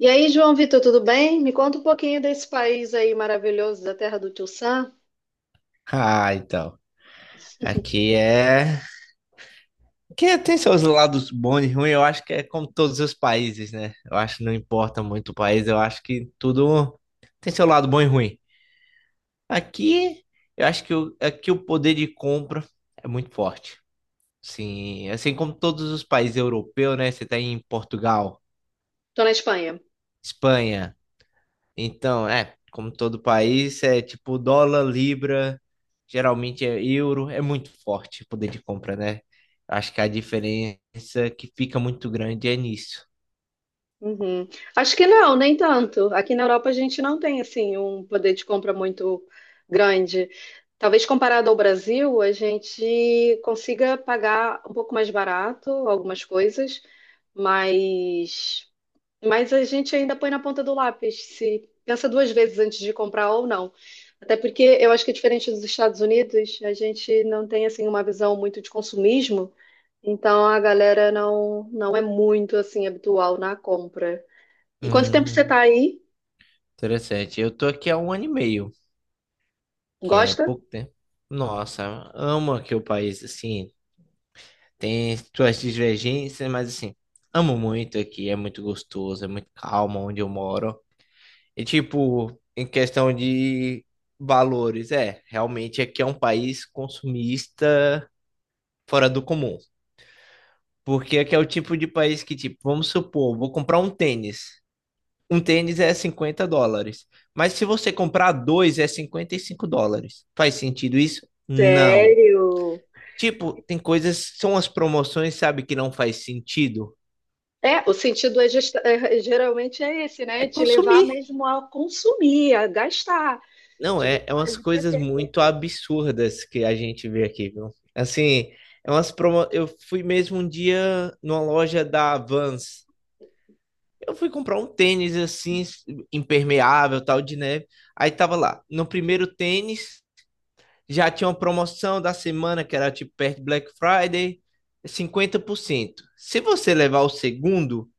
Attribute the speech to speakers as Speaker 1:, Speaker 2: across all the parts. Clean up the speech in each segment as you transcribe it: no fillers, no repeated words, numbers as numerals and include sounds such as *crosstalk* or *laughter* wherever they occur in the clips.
Speaker 1: E aí, João Vitor, tudo bem? Me conta um pouquinho desse país aí maravilhoso, da terra do Tio Sam.
Speaker 2: Ah, então. Aqui é. Que tem seus lados bons e ruins, eu acho que é como todos os países, né? Eu acho que não importa muito o país, eu acho que tudo tem seu lado bom e ruim. Aqui, eu acho que aqui o poder de compra é muito forte. Sim, assim como todos os países europeus, né? Você tá em Portugal,
Speaker 1: Tô na Espanha.
Speaker 2: Espanha. Então, é, como todo país, é tipo dólar, libra, geralmente é euro, é muito forte o poder de compra, né? Acho que a diferença que fica muito grande é nisso.
Speaker 1: Uhum. Acho que não, nem tanto. Aqui na Europa a gente não tem assim um poder de compra muito grande. Talvez comparado ao Brasil, a gente consiga pagar um pouco mais barato algumas coisas, mas Mas a gente ainda põe na ponta do lápis, se pensa duas vezes antes de comprar ou não. Até porque eu acho que, diferente dos Estados Unidos, a gente não tem assim uma visão muito de consumismo, então a galera não é muito assim habitual na compra. E quanto tempo você tá
Speaker 2: Hum,
Speaker 1: aí?
Speaker 2: interessante. Eu tô aqui há um ano e meio, que é
Speaker 1: Gosta?
Speaker 2: pouco tempo. Nossa, amo aqui o país, assim, tem suas divergências, mas assim, amo muito aqui, é muito gostoso, é muito calmo onde eu moro. E tipo, em questão de valores, é, realmente aqui é um país consumista fora do comum. Porque aqui é o tipo de país que, tipo, vamos supor, vou comprar um tênis. Um tênis é US$ 50. Mas se você comprar dois, é US$ 55. Faz sentido isso? Não.
Speaker 1: Sério?
Speaker 2: Tipo, tem coisas, são as promoções, sabe, que não faz sentido.
Speaker 1: É, o sentido é, geralmente é esse,
Speaker 2: É
Speaker 1: né? Te levar
Speaker 2: consumir.
Speaker 1: mesmo a consumir, a gastar,
Speaker 2: Não,
Speaker 1: te
Speaker 2: é
Speaker 1: botar
Speaker 2: umas
Speaker 1: ali pra
Speaker 2: coisas
Speaker 1: ter
Speaker 2: muito
Speaker 1: coisas.
Speaker 2: absurdas que a gente vê aqui, viu? Assim, Eu fui mesmo um dia numa loja da Vans. Eu fui comprar um tênis assim, impermeável, tal, de neve. Aí tava lá. No primeiro tênis, já tinha uma promoção da semana, que era tipo perto de Black Friday, 50%. Se você levar o segundo,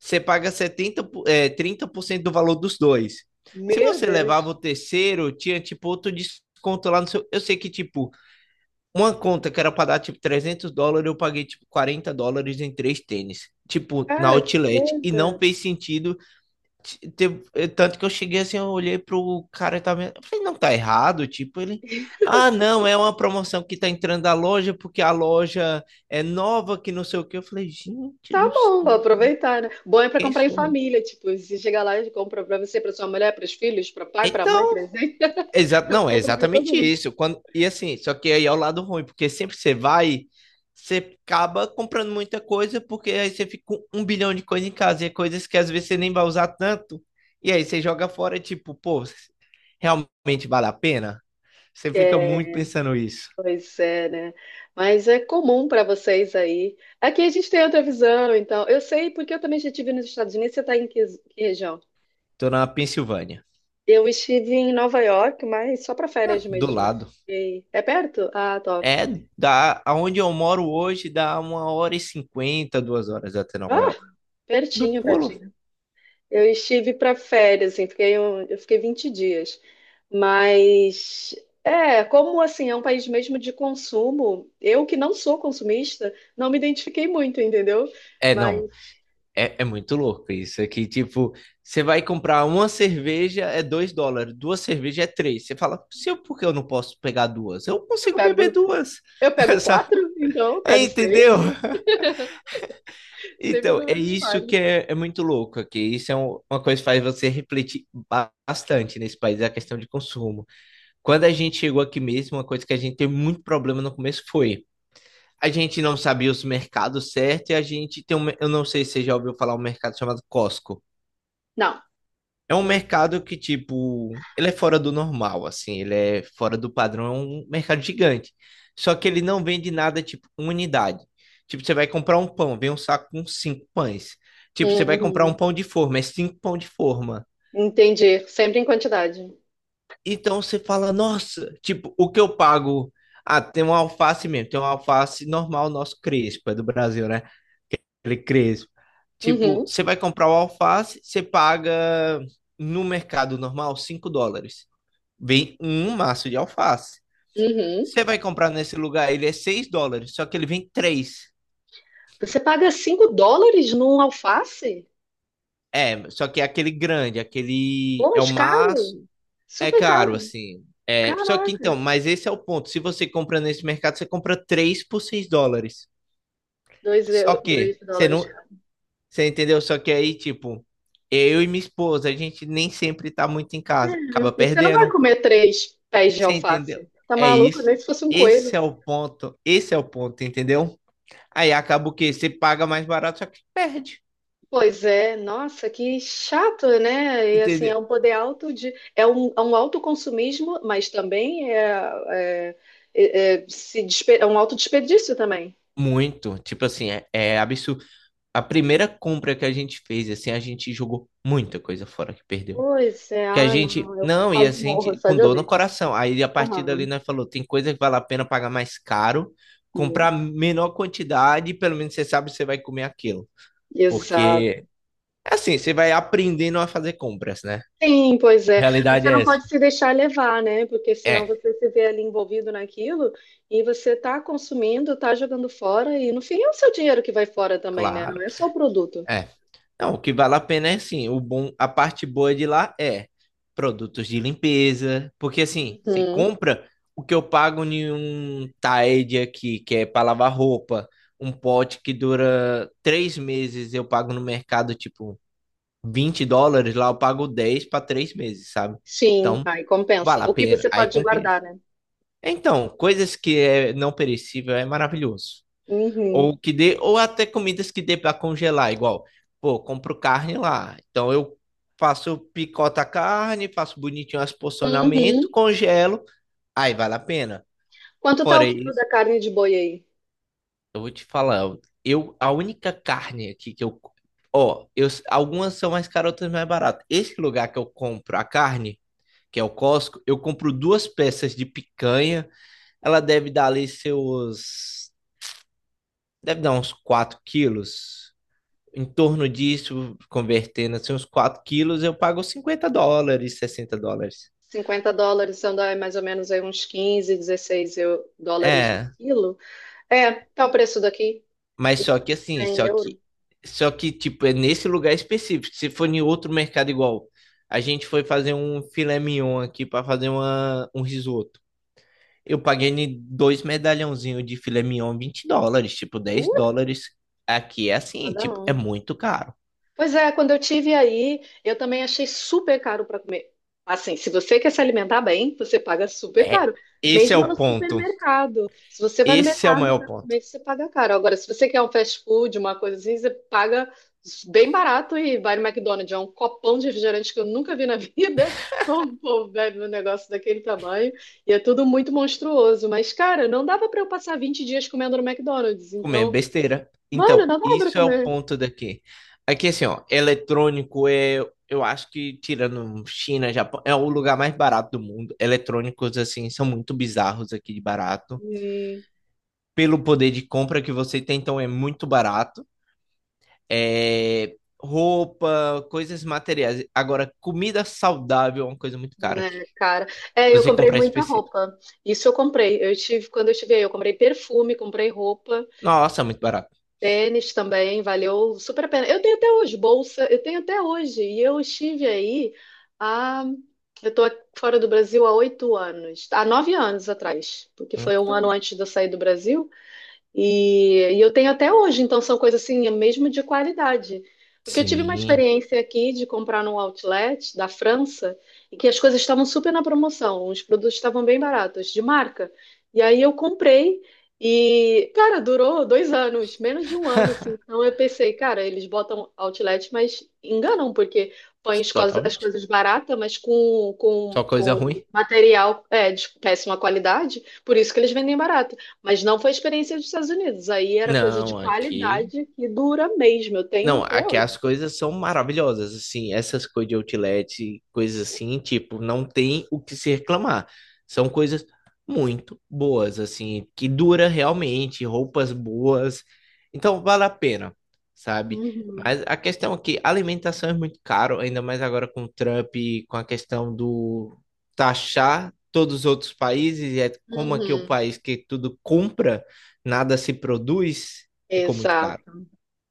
Speaker 2: você paga setenta é 30% do valor dos dois. Se
Speaker 1: Meu
Speaker 2: você levava
Speaker 1: Deus!
Speaker 2: o terceiro, tinha tipo outro desconto lá no seu. Eu sei que, tipo, uma conta que era pra dar tipo US$ 300, eu paguei tipo US$ 40 em três tênis, tipo, na
Speaker 1: Cara, que
Speaker 2: Outlet. E não
Speaker 1: coisa!
Speaker 2: fez sentido. Tanto que eu cheguei assim, eu olhei pro cara e tava vendo. Eu falei, não tá errado, tipo, ele. Ah, não, é uma promoção que tá entrando da loja porque a loja é nova, que não sei o que. Eu falei, gente
Speaker 1: Tá
Speaker 2: do
Speaker 1: bom, vou
Speaker 2: céu,
Speaker 1: aproveitar, né? Bom é pra
Speaker 2: quem
Speaker 1: comprar em
Speaker 2: sou eu?
Speaker 1: família, tipo, se chegar lá e compra pra você, pra sua mulher, pros filhos, pra pai, pra mãe,
Speaker 2: Então.
Speaker 1: presente,
Speaker 2: Exato,
Speaker 1: *laughs*
Speaker 2: não, é
Speaker 1: compra pra todo
Speaker 2: exatamente
Speaker 1: mundo.
Speaker 2: isso. Quando, e assim, só que aí é o lado ruim, porque sempre você vai, você acaba comprando muita coisa, porque aí você fica com um bilhão de coisas em casa, e é coisas que às vezes você nem vai usar tanto, e aí você joga fora, tipo, pô, realmente vale a pena? Você fica muito
Speaker 1: É,
Speaker 2: pensando isso.
Speaker 1: pois é, né? Mas é comum pra vocês aí. Aqui a gente tem outra visão, então. Eu sei porque eu também já estive nos Estados Unidos. Você tá em que região?
Speaker 2: Tô na Pensilvânia,
Speaker 1: Eu estive em Nova York, mas só pra férias
Speaker 2: né, do
Speaker 1: mesmo.
Speaker 2: lado.
Speaker 1: É perto? Ah, top.
Speaker 2: É da aonde eu moro hoje, dá 1h50, 2 horas até
Speaker 1: Ah,
Speaker 2: Nova York. Do
Speaker 1: pertinho,
Speaker 2: pulo.
Speaker 1: pertinho. Eu estive para férias, assim, eu fiquei 20 dias. Mas é, como assim, é um país mesmo de consumo, eu que não sou consumista, não me identifiquei muito, entendeu?
Speaker 2: É, não,
Speaker 1: Mas
Speaker 2: É, é muito louco isso aqui. Tipo, você vai comprar uma cerveja é US$ 2, duas cervejas é 3. Você fala, se eu, por que eu não posso pegar duas? Eu
Speaker 1: eu
Speaker 2: consigo beber
Speaker 1: pego,
Speaker 2: duas.
Speaker 1: eu pego
Speaker 2: *laughs* Sabe?
Speaker 1: quatro, então eu
Speaker 2: É,
Speaker 1: pego
Speaker 2: entendeu?
Speaker 1: seis, *laughs* sempre
Speaker 2: Então, é
Speaker 1: números
Speaker 2: isso
Speaker 1: pares.
Speaker 2: que é, é muito louco aqui. Isso é uma coisa que faz você refletir bastante nesse país, é a questão de consumo. Quando a gente chegou aqui mesmo, uma coisa que a gente teve muito problema no começo foi. A gente não sabia os mercados certos e a gente tem um. Eu não sei se você já ouviu falar um mercado chamado Costco.
Speaker 1: Não,
Speaker 2: É um
Speaker 1: não.
Speaker 2: mercado que, tipo, ele é fora do normal, assim, ele é fora do padrão, é um mercado gigante. Só que ele não vende nada, tipo, uma unidade. Tipo, você vai comprar um pão, vem um saco com cinco pães. Tipo, você vai comprar um
Speaker 1: Uhum.
Speaker 2: pão de forma, é cinco pão de forma.
Speaker 1: Entendi, sempre em quantidade.
Speaker 2: Então você fala, nossa, tipo, o que eu pago? Ah, tem uma alface mesmo, tem uma alface normal, nosso crespo, é do Brasil, né? Aquele crespo. Tipo,
Speaker 1: Uhum,
Speaker 2: você vai comprar o alface, você paga no mercado normal US$ 5. Vem um maço de alface.
Speaker 1: uhum.
Speaker 2: Você vai comprar nesse lugar, ele é US$ 6, só que ele vem três.
Speaker 1: Você paga US$ 5 num alface?
Speaker 2: É, só que é aquele grande, aquele.
Speaker 1: Pô,
Speaker 2: É o
Speaker 1: mas caro,
Speaker 2: maço. É
Speaker 1: super
Speaker 2: caro,
Speaker 1: caro.
Speaker 2: assim. É, só que então,
Speaker 1: Caraca.
Speaker 2: mas esse é o ponto. Se você compra nesse mercado, você compra 3 por US$ 6. Só que
Speaker 1: Dois
Speaker 2: você
Speaker 1: dólares.
Speaker 2: não.
Speaker 1: Cara.
Speaker 2: Você entendeu? Só que aí, tipo, eu e minha esposa, a gente nem sempre tá muito em casa. Acaba
Speaker 1: É, e você não vai
Speaker 2: perdendo.
Speaker 1: comer três pés de
Speaker 2: Você entendeu?
Speaker 1: alface. Tá
Speaker 2: É
Speaker 1: maluco?
Speaker 2: isso.
Speaker 1: Nem se fosse um coelho.
Speaker 2: Esse é o ponto. Esse é o ponto, entendeu? Aí acaba o quê? Você paga mais barato, só que perde.
Speaker 1: Pois é, nossa, que chato, né? E assim, é
Speaker 2: Entendeu?
Speaker 1: um poder alto de. É um autoconsumismo, mas também é, é, é, é, se despe- é um autodesperdício também.
Speaker 2: Muito. Tipo assim, é absurdo. A primeira compra que a gente fez, assim, a gente jogou muita coisa fora que perdeu.
Speaker 1: Pois é,
Speaker 2: Que a
Speaker 1: ah, não,
Speaker 2: gente.
Speaker 1: eu
Speaker 2: Não, e a
Speaker 1: quase morro
Speaker 2: gente
Speaker 1: só
Speaker 2: com
Speaker 1: de
Speaker 2: dor no
Speaker 1: ouvir.
Speaker 2: coração. Aí a partir dali
Speaker 1: Aham.
Speaker 2: nós falou: tem coisa que vale a pena pagar mais caro,
Speaker 1: Hum,
Speaker 2: comprar menor quantidade, e pelo menos você sabe que você vai comer aquilo.
Speaker 1: exato.
Speaker 2: Porque, assim, você vai aprendendo a fazer compras, né?
Speaker 1: Sim, pois é.
Speaker 2: Realidade
Speaker 1: Você
Speaker 2: é
Speaker 1: não
Speaker 2: essa.
Speaker 1: pode se deixar levar, né? Porque senão
Speaker 2: É,
Speaker 1: você se vê ali envolvido naquilo e você tá consumindo, tá jogando fora e no fim é o seu dinheiro que vai fora também, né? Não
Speaker 2: claro.
Speaker 1: é só o produto.
Speaker 2: É. Não, o que vale a pena é sim, o bom, a parte boa de lá é produtos de limpeza, porque assim, você
Speaker 1: Uhum.
Speaker 2: compra o que eu pago em um Tide aqui, que é para lavar roupa, um pote que dura 3 meses, eu pago no mercado tipo US$ 20, lá eu pago 10 para 3 meses, sabe?
Speaker 1: Sim,
Speaker 2: Então,
Speaker 1: aí
Speaker 2: vale
Speaker 1: compensa.
Speaker 2: a
Speaker 1: O que
Speaker 2: pena,
Speaker 1: você
Speaker 2: aí
Speaker 1: pode
Speaker 2: compensa.
Speaker 1: guardar, né?
Speaker 2: Então, coisas que é não perecível é maravilhoso.
Speaker 1: Uhum.
Speaker 2: Ou que dê, ou até comidas que dê para congelar, igual, pô, compro carne lá. Então eu faço, picoto a carne, faço bonitinho as
Speaker 1: Uhum.
Speaker 2: porcionamento, congelo, aí vale a pena.
Speaker 1: Quanto tá
Speaker 2: Fora
Speaker 1: o quilo
Speaker 2: isso,
Speaker 1: da carne de boi aí?
Speaker 2: eu vou te falar, eu a única carne aqui que eu, ó, eu algumas são mais caras, outras mais baratas. Esse lugar que eu compro a carne, que é o Costco, eu compro duas peças de picanha, ela deve dar ali seus, deve dar uns 4 quilos, em torno disso, convertendo assim, uns 4 quilos, eu pago US$ 50, US$ 60.
Speaker 1: US$ 50, são dá mais ou menos aí uns 15 16 dólares o
Speaker 2: É,
Speaker 1: quilo. É, tá o preço daqui.
Speaker 2: mas
Speaker 1: E
Speaker 2: só que assim,
Speaker 1: 100 euros.
Speaker 2: tipo, é nesse lugar específico. Se for em outro mercado igual, a gente foi fazer um filé mignon aqui para fazer um risoto. Eu paguei em dois medalhãozinhos de filé mignon, US$ 20, tipo,
Speaker 1: Uh,
Speaker 2: US$ 10. Aqui é assim,
Speaker 1: cada
Speaker 2: tipo, é
Speaker 1: um.
Speaker 2: muito caro.
Speaker 1: Pois é, quando eu tive aí, eu também achei super caro para comer. Assim, se você quer se alimentar bem, você paga super
Speaker 2: É,
Speaker 1: caro,
Speaker 2: esse é
Speaker 1: mesmo no
Speaker 2: o ponto.
Speaker 1: supermercado. Se você vai no
Speaker 2: Esse é o
Speaker 1: mercado
Speaker 2: maior
Speaker 1: para
Speaker 2: ponto.
Speaker 1: comer, você paga caro. Agora, se você quer um fast food, uma coisa assim, você paga bem barato e vai no McDonald's. É um copão de refrigerante que eu nunca vi na vida. *laughs* Como o povo bebe um negócio daquele tamanho? E é tudo muito monstruoso. Mas, cara, não dava para eu passar 20 dias comendo no McDonald's.
Speaker 2: Comer
Speaker 1: Então,
Speaker 2: besteira.
Speaker 1: mano,
Speaker 2: Então,
Speaker 1: não dava para
Speaker 2: isso é o
Speaker 1: comer.
Speaker 2: ponto daqui. Aqui, assim, ó, eletrônico é, eu acho que, tirando China, Japão, é o lugar mais barato do mundo. Eletrônicos, assim, são muito bizarros aqui de barato. Pelo poder de compra que você tem, então é muito barato. É, roupa, coisas materiais. Agora, comida saudável é uma coisa muito cara aqui.
Speaker 1: Né, cara? É, eu
Speaker 2: Você
Speaker 1: comprei
Speaker 2: comprar
Speaker 1: muita
Speaker 2: específico.
Speaker 1: roupa. Isso eu comprei. Eu tive, quando eu estive aí, eu comprei perfume, comprei roupa,
Speaker 2: Nossa, é muito barato.
Speaker 1: tênis também, valeu super a pena. Eu tenho até hoje bolsa, eu tenho até hoje. E eu estive aí há, eu tô fora do Brasil há 8 anos, há 9 anos atrás, porque foi um ano
Speaker 2: Então,
Speaker 1: antes de eu sair do Brasil. E eu tenho até hoje, então são coisas assim, mesmo de qualidade. Porque eu tive uma
Speaker 2: sim,
Speaker 1: experiência aqui de comprar num outlet da França e que as coisas estavam super na promoção, os produtos estavam bem baratos, de marca. E aí eu comprei e, cara, durou 2 anos, menos de um ano, assim.
Speaker 2: *laughs*
Speaker 1: Então eu pensei, cara, eles botam outlet, mas enganam, porque põem as coisas, as
Speaker 2: totalmente.
Speaker 1: coisas baratas, mas com, com,
Speaker 2: Só coisa
Speaker 1: com
Speaker 2: ruim.
Speaker 1: material é, de péssima qualidade, por isso que eles vendem barato. Mas não foi a experiência dos Estados Unidos. Aí era coisa de
Speaker 2: Não, aqui.
Speaker 1: qualidade que dura mesmo. Eu tenho
Speaker 2: Não,
Speaker 1: até
Speaker 2: aqui
Speaker 1: hoje.
Speaker 2: as coisas são maravilhosas, assim, essas coisas de outlet, coisas assim, tipo, não tem o que se reclamar. São coisas muito boas, assim, que dura realmente, roupas boas. Então vale a pena, sabe?
Speaker 1: Uhum,
Speaker 2: Mas a questão é que a alimentação é muito caro, ainda mais agora com o Trump, e com a questão do taxar todos os outros países, e é como aqui é o
Speaker 1: uhum.
Speaker 2: país que tudo compra, nada se produz, ficou muito
Speaker 1: Exato.
Speaker 2: caro.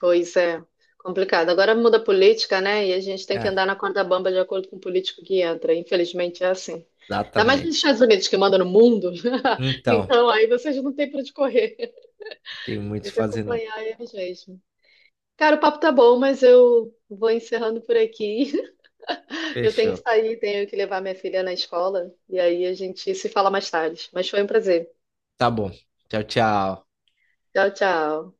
Speaker 1: Pois é. Complicado. Agora muda a política, né? E a gente tem que
Speaker 2: É,
Speaker 1: andar na corda bamba de acordo com o político que entra. Infelizmente é assim. Ainda mais nos
Speaker 2: exatamente.
Speaker 1: Estados Unidos que manda no mundo. *laughs*
Speaker 2: Então,
Speaker 1: Então aí vocês não têm para onde correr.
Speaker 2: tem muito o
Speaker 1: Tem
Speaker 2: que
Speaker 1: que
Speaker 2: fazer não.
Speaker 1: acompanhar eles mesmo. Cara, o papo tá bom, mas eu vou encerrando por aqui. Eu tenho que
Speaker 2: Fechou.
Speaker 1: sair, tenho que levar minha filha na escola. E aí a gente se fala mais tarde. Mas foi um prazer.
Speaker 2: Tá bom. Tchau, tchau.
Speaker 1: Tchau, tchau.